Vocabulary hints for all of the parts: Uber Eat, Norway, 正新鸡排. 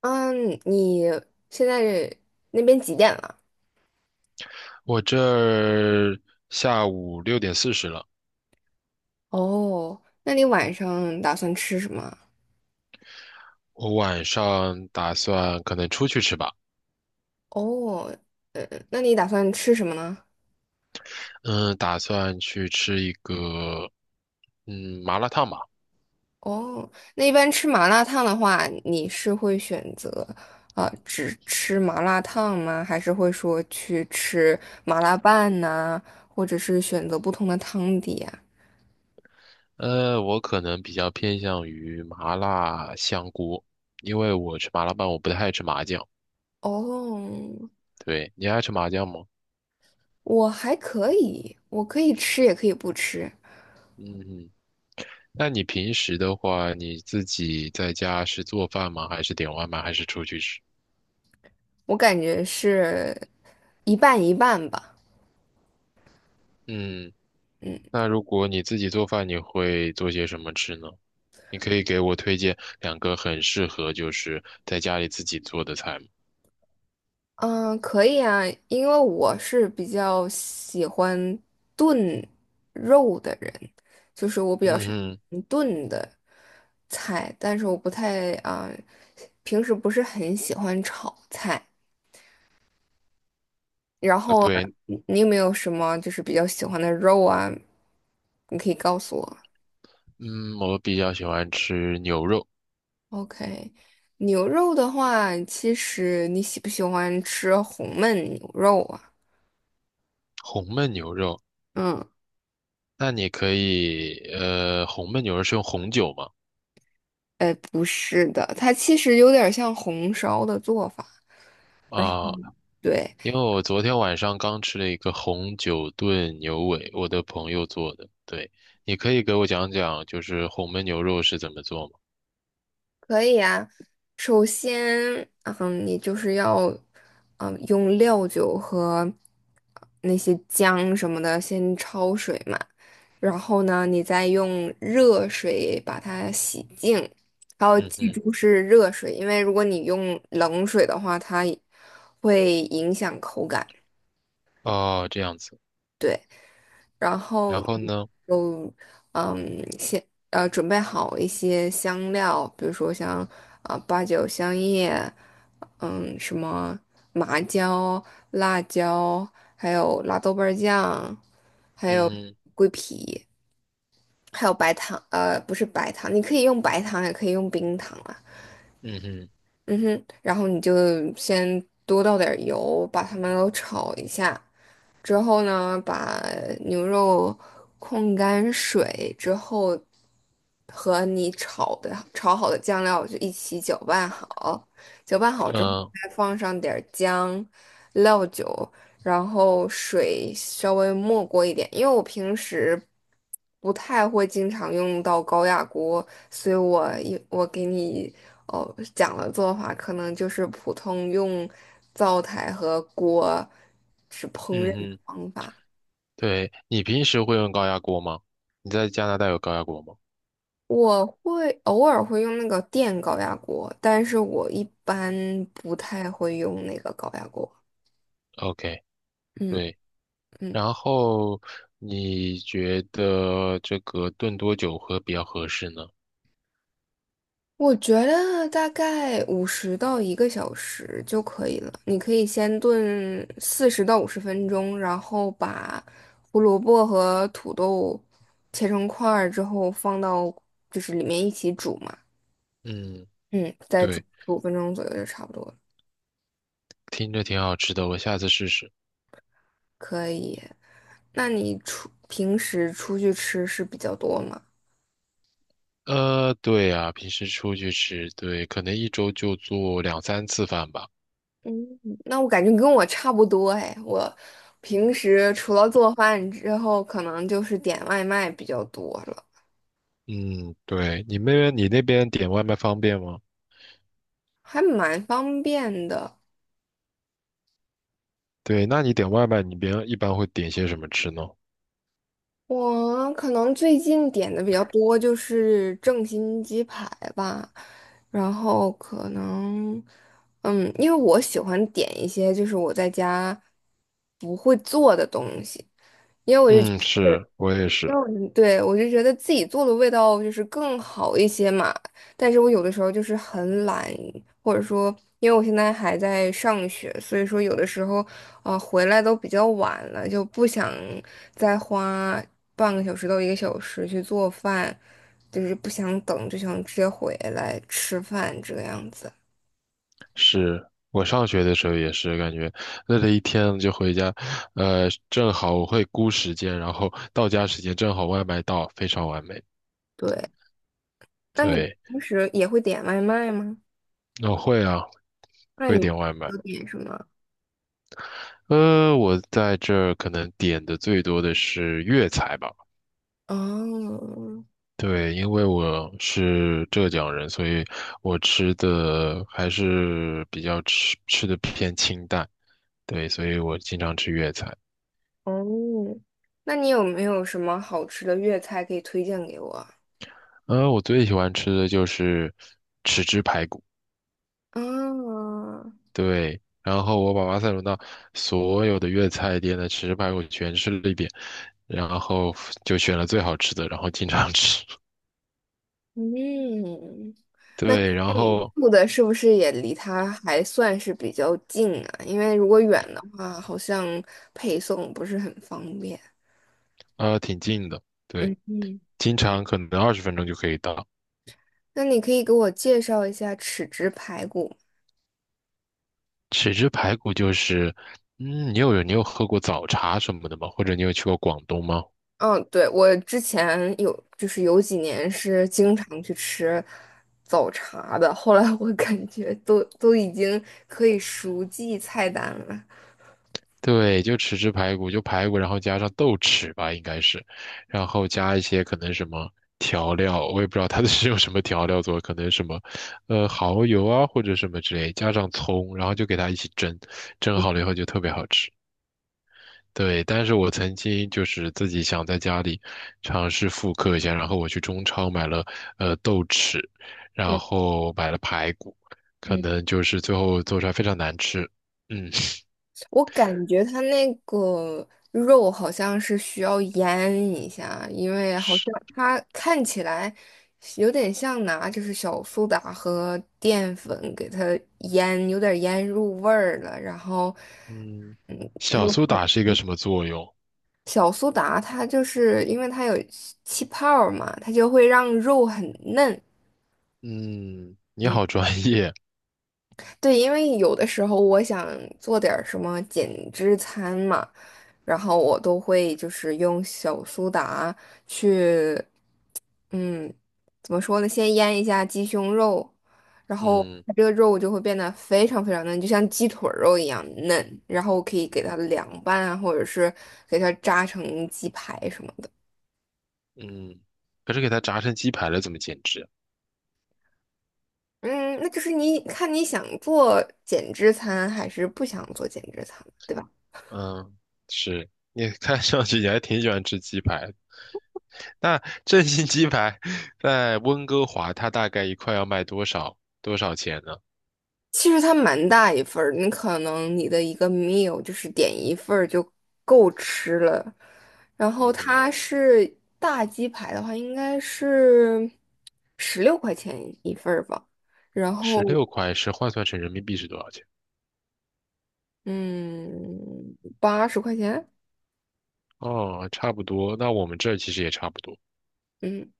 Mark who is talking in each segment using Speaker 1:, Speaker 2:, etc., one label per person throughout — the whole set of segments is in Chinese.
Speaker 1: 嗯，你现在那边几点了？
Speaker 2: 我这儿下午6:40了，
Speaker 1: 哦，那你晚上打算吃什么啊。
Speaker 2: 我晚上打算可能出去吃吧，
Speaker 1: 哦，那你打算吃什么呢？
Speaker 2: 嗯，打算去吃一个麻辣烫吧，
Speaker 1: 哦，那一般吃麻辣烫的话，你是会选择只吃麻辣烫吗？还是会说去吃麻辣拌呐、或者是选择不同的汤底啊？
Speaker 2: 我可能比较偏向于麻辣香锅，因为我吃麻辣拌我不太爱吃麻酱，
Speaker 1: 哦，
Speaker 2: 对，你爱吃麻酱吗？
Speaker 1: 我还可以，我可以吃也可以不吃，
Speaker 2: 嗯，那你平时的话，你自己在家是做饭吗？还是点外卖？还是出去吃？
Speaker 1: 我感觉是一半一半吧。
Speaker 2: 嗯，那如果你自己做饭，你会做些什么吃呢？你可以给我推荐两个很适合就是在家里自己做的菜吗？
Speaker 1: 嗯，可以啊，因为我是比较喜欢炖肉的人，就是我比较
Speaker 2: 嗯
Speaker 1: 是
Speaker 2: 哼，
Speaker 1: 炖的菜，但是我不太啊，平时不是很喜欢炒菜。然后啊
Speaker 2: 对，
Speaker 1: 你有没有什么就是比较喜欢的肉啊？你可以告诉我。
Speaker 2: 嗯，我比较喜欢吃牛肉，
Speaker 1: OK，牛肉的话，其实你喜不喜欢吃红焖牛肉啊？
Speaker 2: 红焖牛肉。
Speaker 1: 嗯。
Speaker 2: 那你可以，红焖牛肉是用红酒吗？
Speaker 1: 哎，不是的，它其实有点像红烧的做法。然后，
Speaker 2: 啊，
Speaker 1: 对，
Speaker 2: 因为我昨天晚上刚吃了一个红酒炖牛尾，我的朋友做的。对，你可以给我讲讲，就是红焖牛肉是怎么做吗？
Speaker 1: 可以啊。首先，你就是要，用料酒和那些姜什么的先焯水嘛。然后呢，你再用热水把它洗净，还要
Speaker 2: 嗯
Speaker 1: 记
Speaker 2: 哼，
Speaker 1: 住是热水，因为如果你用冷水的话，它会影响口感。
Speaker 2: 哦，这样子。
Speaker 1: 对。然后
Speaker 2: 然后
Speaker 1: 你
Speaker 2: 呢？
Speaker 1: 就嗯先准备好一些香料，比如说像八角、香叶，什么麻椒、辣椒，还有辣豆瓣儿酱，还
Speaker 2: 嗯
Speaker 1: 有
Speaker 2: 哼，
Speaker 1: 还有白糖，不是白糖，你可以用白糖也可以用冰糖啊。
Speaker 2: 嗯哼，
Speaker 1: 嗯哼，然后你就先多倒点儿油，把它们都炒一下。之后呢，把牛肉控干水之后，和你炒好的酱料就一起搅拌好。搅拌好之后，
Speaker 2: 嗯，
Speaker 1: 再放上点儿姜、料酒，然后水稍微没过一点，因为我平时不太会经常用到高压锅，所以我给你哦讲的做法，可能就是普通用灶台和锅是烹
Speaker 2: 嗯
Speaker 1: 饪的
Speaker 2: 哼。
Speaker 1: 方法。
Speaker 2: 对，你平时会用高压锅吗？你在加拿大有高压锅吗
Speaker 1: 我偶尔会用那个电高压锅，但是我一般不太会用那个高压锅。
Speaker 2: ？OK，
Speaker 1: 嗯
Speaker 2: 对。
Speaker 1: 嗯。
Speaker 2: 然后你觉得这个炖多久喝比较合适呢？
Speaker 1: 我觉得大概五十到一个小时就可以了。你可以先炖40到50分钟，然后把胡萝卜和土豆切成块儿之后放到就是里面一起煮嘛，
Speaker 2: 嗯，
Speaker 1: 嗯，再煮
Speaker 2: 对，
Speaker 1: 15分钟左右就差不多了。
Speaker 2: 听着挺好吃的，我下次试试。
Speaker 1: 可以。那你平时出去吃是比较多吗？
Speaker 2: 对呀，平时出去吃，对，可能一周就做两三次饭吧。
Speaker 1: 嗯，那我感觉跟我差不多哎，我平时除了做饭之后，可能就是点外卖比较多了。
Speaker 2: 嗯，对，你那边点外卖方便吗？
Speaker 1: 还蛮方便的。
Speaker 2: 对，那你点外卖，你别一般会点些什么吃呢？
Speaker 1: 我可能最近点的比较多就是正新鸡排吧，然后可能，因为我喜欢点一些就是我在家不会做的东西。
Speaker 2: 嗯，是，我也
Speaker 1: 因为
Speaker 2: 是。
Speaker 1: 我就对，我就觉得自己做的味道就是更好一些嘛，但是我有的时候就是很懒，或者说因为我现在还在上学，所以说有的时候回来都比较晚了，就不想再花半个小时到一个小时去做饭，就是不想等，就想直接回来吃饭这个样子。
Speaker 2: 是我上学的时候也是感觉累了一天就回家，正好我会估时间，然后到家时间正好外卖到，非常完美。
Speaker 1: 对，那你
Speaker 2: 对，
Speaker 1: 平时也会点外卖吗？
Speaker 2: 我会啊，
Speaker 1: 那
Speaker 2: 会
Speaker 1: 你
Speaker 2: 点外卖。
Speaker 1: 有点什么？
Speaker 2: 我在这儿可能点的最多的是粤菜吧。
Speaker 1: 哦。
Speaker 2: 对，因为我是浙江人，所以我吃的还是比较吃的偏清淡。对，所以我经常吃粤菜。
Speaker 1: 哦，那你有没有什么好吃的粤菜可以推荐给我啊？
Speaker 2: 嗯，我最喜欢吃的就是
Speaker 1: 啊
Speaker 2: 对，然后我把巴塞罗那所有的粤菜店的豉汁排骨全吃了一遍，然后就选了最好吃的，然后经常吃。
Speaker 1: 嗯，那看
Speaker 2: 对，
Speaker 1: 来
Speaker 2: 然
Speaker 1: 你
Speaker 2: 后
Speaker 1: 住的是不是也离它还算是比较近啊？因为如果远的话，好像配送不是很方便。
Speaker 2: 挺近的，对，
Speaker 1: 嗯嗯，
Speaker 2: 经常可能20分钟就可以到。
Speaker 1: 那你可以给我介绍一下豉汁排骨。
Speaker 2: 豉汁排骨就是，你有喝过早茶什么的吗？或者你有去过广东吗？
Speaker 1: 嗯，对，我之前有，就是有几年是经常去吃早茶的，后来我 感觉都已经可以熟记菜单了。
Speaker 2: 对，就豉汁排骨，就排骨，然后加上豆豉吧，应该是，然后加一些可能什么调料，我也不知道它 是用什么调料做，可能什么，蚝油啊或者什么之类，加上葱，然后就给它一起蒸，蒸好了以后就特别好吃。对，但是我曾经就是自己想在家里尝试复刻一下，然后我去中超买了豆豉，然
Speaker 1: 嗯
Speaker 2: 后买了排骨，可
Speaker 1: 嗯，
Speaker 2: 能就是最后做出来非常难吃。嗯，
Speaker 1: 我感觉它那个肉好像是需要腌一下，因 为好像
Speaker 2: 是。
Speaker 1: 它看起来有点像拿就是小苏打和淀粉给它腌，有点腌入味儿了，然后。
Speaker 2: 嗯小苏打
Speaker 1: 又
Speaker 2: 是一个什么作用？
Speaker 1: 小苏打它就是因为它有气泡儿嘛，它就会让肉很嫩。
Speaker 2: 嗯，你
Speaker 1: 嗯，
Speaker 2: 好专业。
Speaker 1: 对，因为有的时候我想做点儿什么减脂餐嘛，然后我都会就是用小苏打去，嗯，怎么说呢？先腌一下鸡胸肉，然后
Speaker 2: 嗯
Speaker 1: 它这个肉就会变得非常非常嫩，就像鸡腿儿肉一样嫩，然后可以给它凉拌啊，或者是给它炸成鸡排什么的。
Speaker 2: 嗯，可是给它炸成鸡排了，怎么减脂？
Speaker 1: 嗯，那就是你看你想做减脂餐还是不想做减脂餐，对吧？
Speaker 2: 嗯，是你看上去你还挺喜欢吃鸡排。那正新鸡排在温哥华，它大概一块要卖多少多少钱呢？
Speaker 1: 其实它蛮大一份儿，可能你的一个 meal 就是点一份儿就够吃了。然后
Speaker 2: 嗯嗯，
Speaker 1: 它是大鸡排的话，应该是16块钱一份儿吧。然
Speaker 2: 十
Speaker 1: 后
Speaker 2: 六块是换算成人民币是多少钱？
Speaker 1: 嗯，80块钱，
Speaker 2: 哦，差不多。那我们这儿其实也差不多。
Speaker 1: 嗯，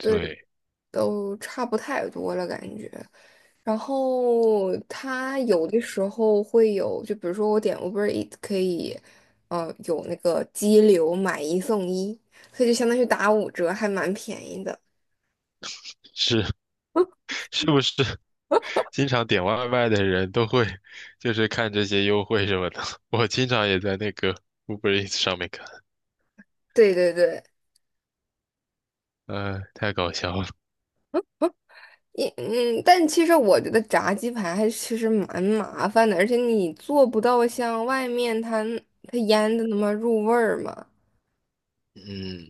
Speaker 1: 对，
Speaker 2: 对，
Speaker 1: 都差不太多了感觉。然后它有的时候会有，就比如说我点 Uber Eat 可以，有那个激流买一送一，所以就相当于打5折，还蛮便宜的。
Speaker 2: 是是不是 经常点外卖的人都会就是看这些优惠什么的？我经常也在那个 Uber Eats 上面看，
Speaker 1: 对对对，
Speaker 2: 太搞笑了。
Speaker 1: 但其实我觉得炸鸡排还其实蛮麻烦的，而且你做不到像外面它腌的那么入味儿嘛。
Speaker 2: 嗯，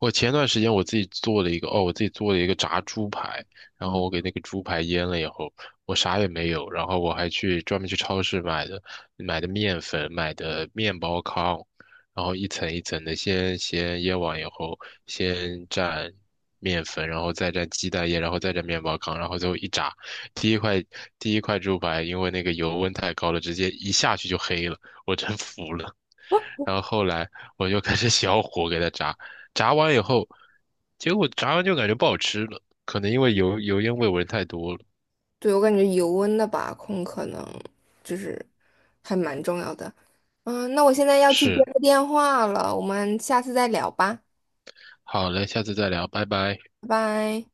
Speaker 2: 我前段时间我自己做了一个，哦，我自己做了一个炸猪排，然后我给那个猪排腌了以后，我啥也没有，然后我还去专门去超市买的面粉，买的面包糠，然后一层一层的先腌完以后，先蘸面粉，然后再蘸鸡蛋液，然后再蘸面包糠，然后最后一炸，第一块第一块猪排因为那个油温太高了，直接一下去就黑了，我真服了。然后后来我就开始 小火给它炸，炸完以后，结果炸完就感觉不好吃了，可能因为油烟味闻太多了。
Speaker 1: 对，我感觉油温的把控可能就是还蛮重要的。嗯，那我现在要去接
Speaker 2: 是，
Speaker 1: 个电话了，我们下次再聊吧，
Speaker 2: 好嘞，下次再聊，拜拜。
Speaker 1: 拜拜。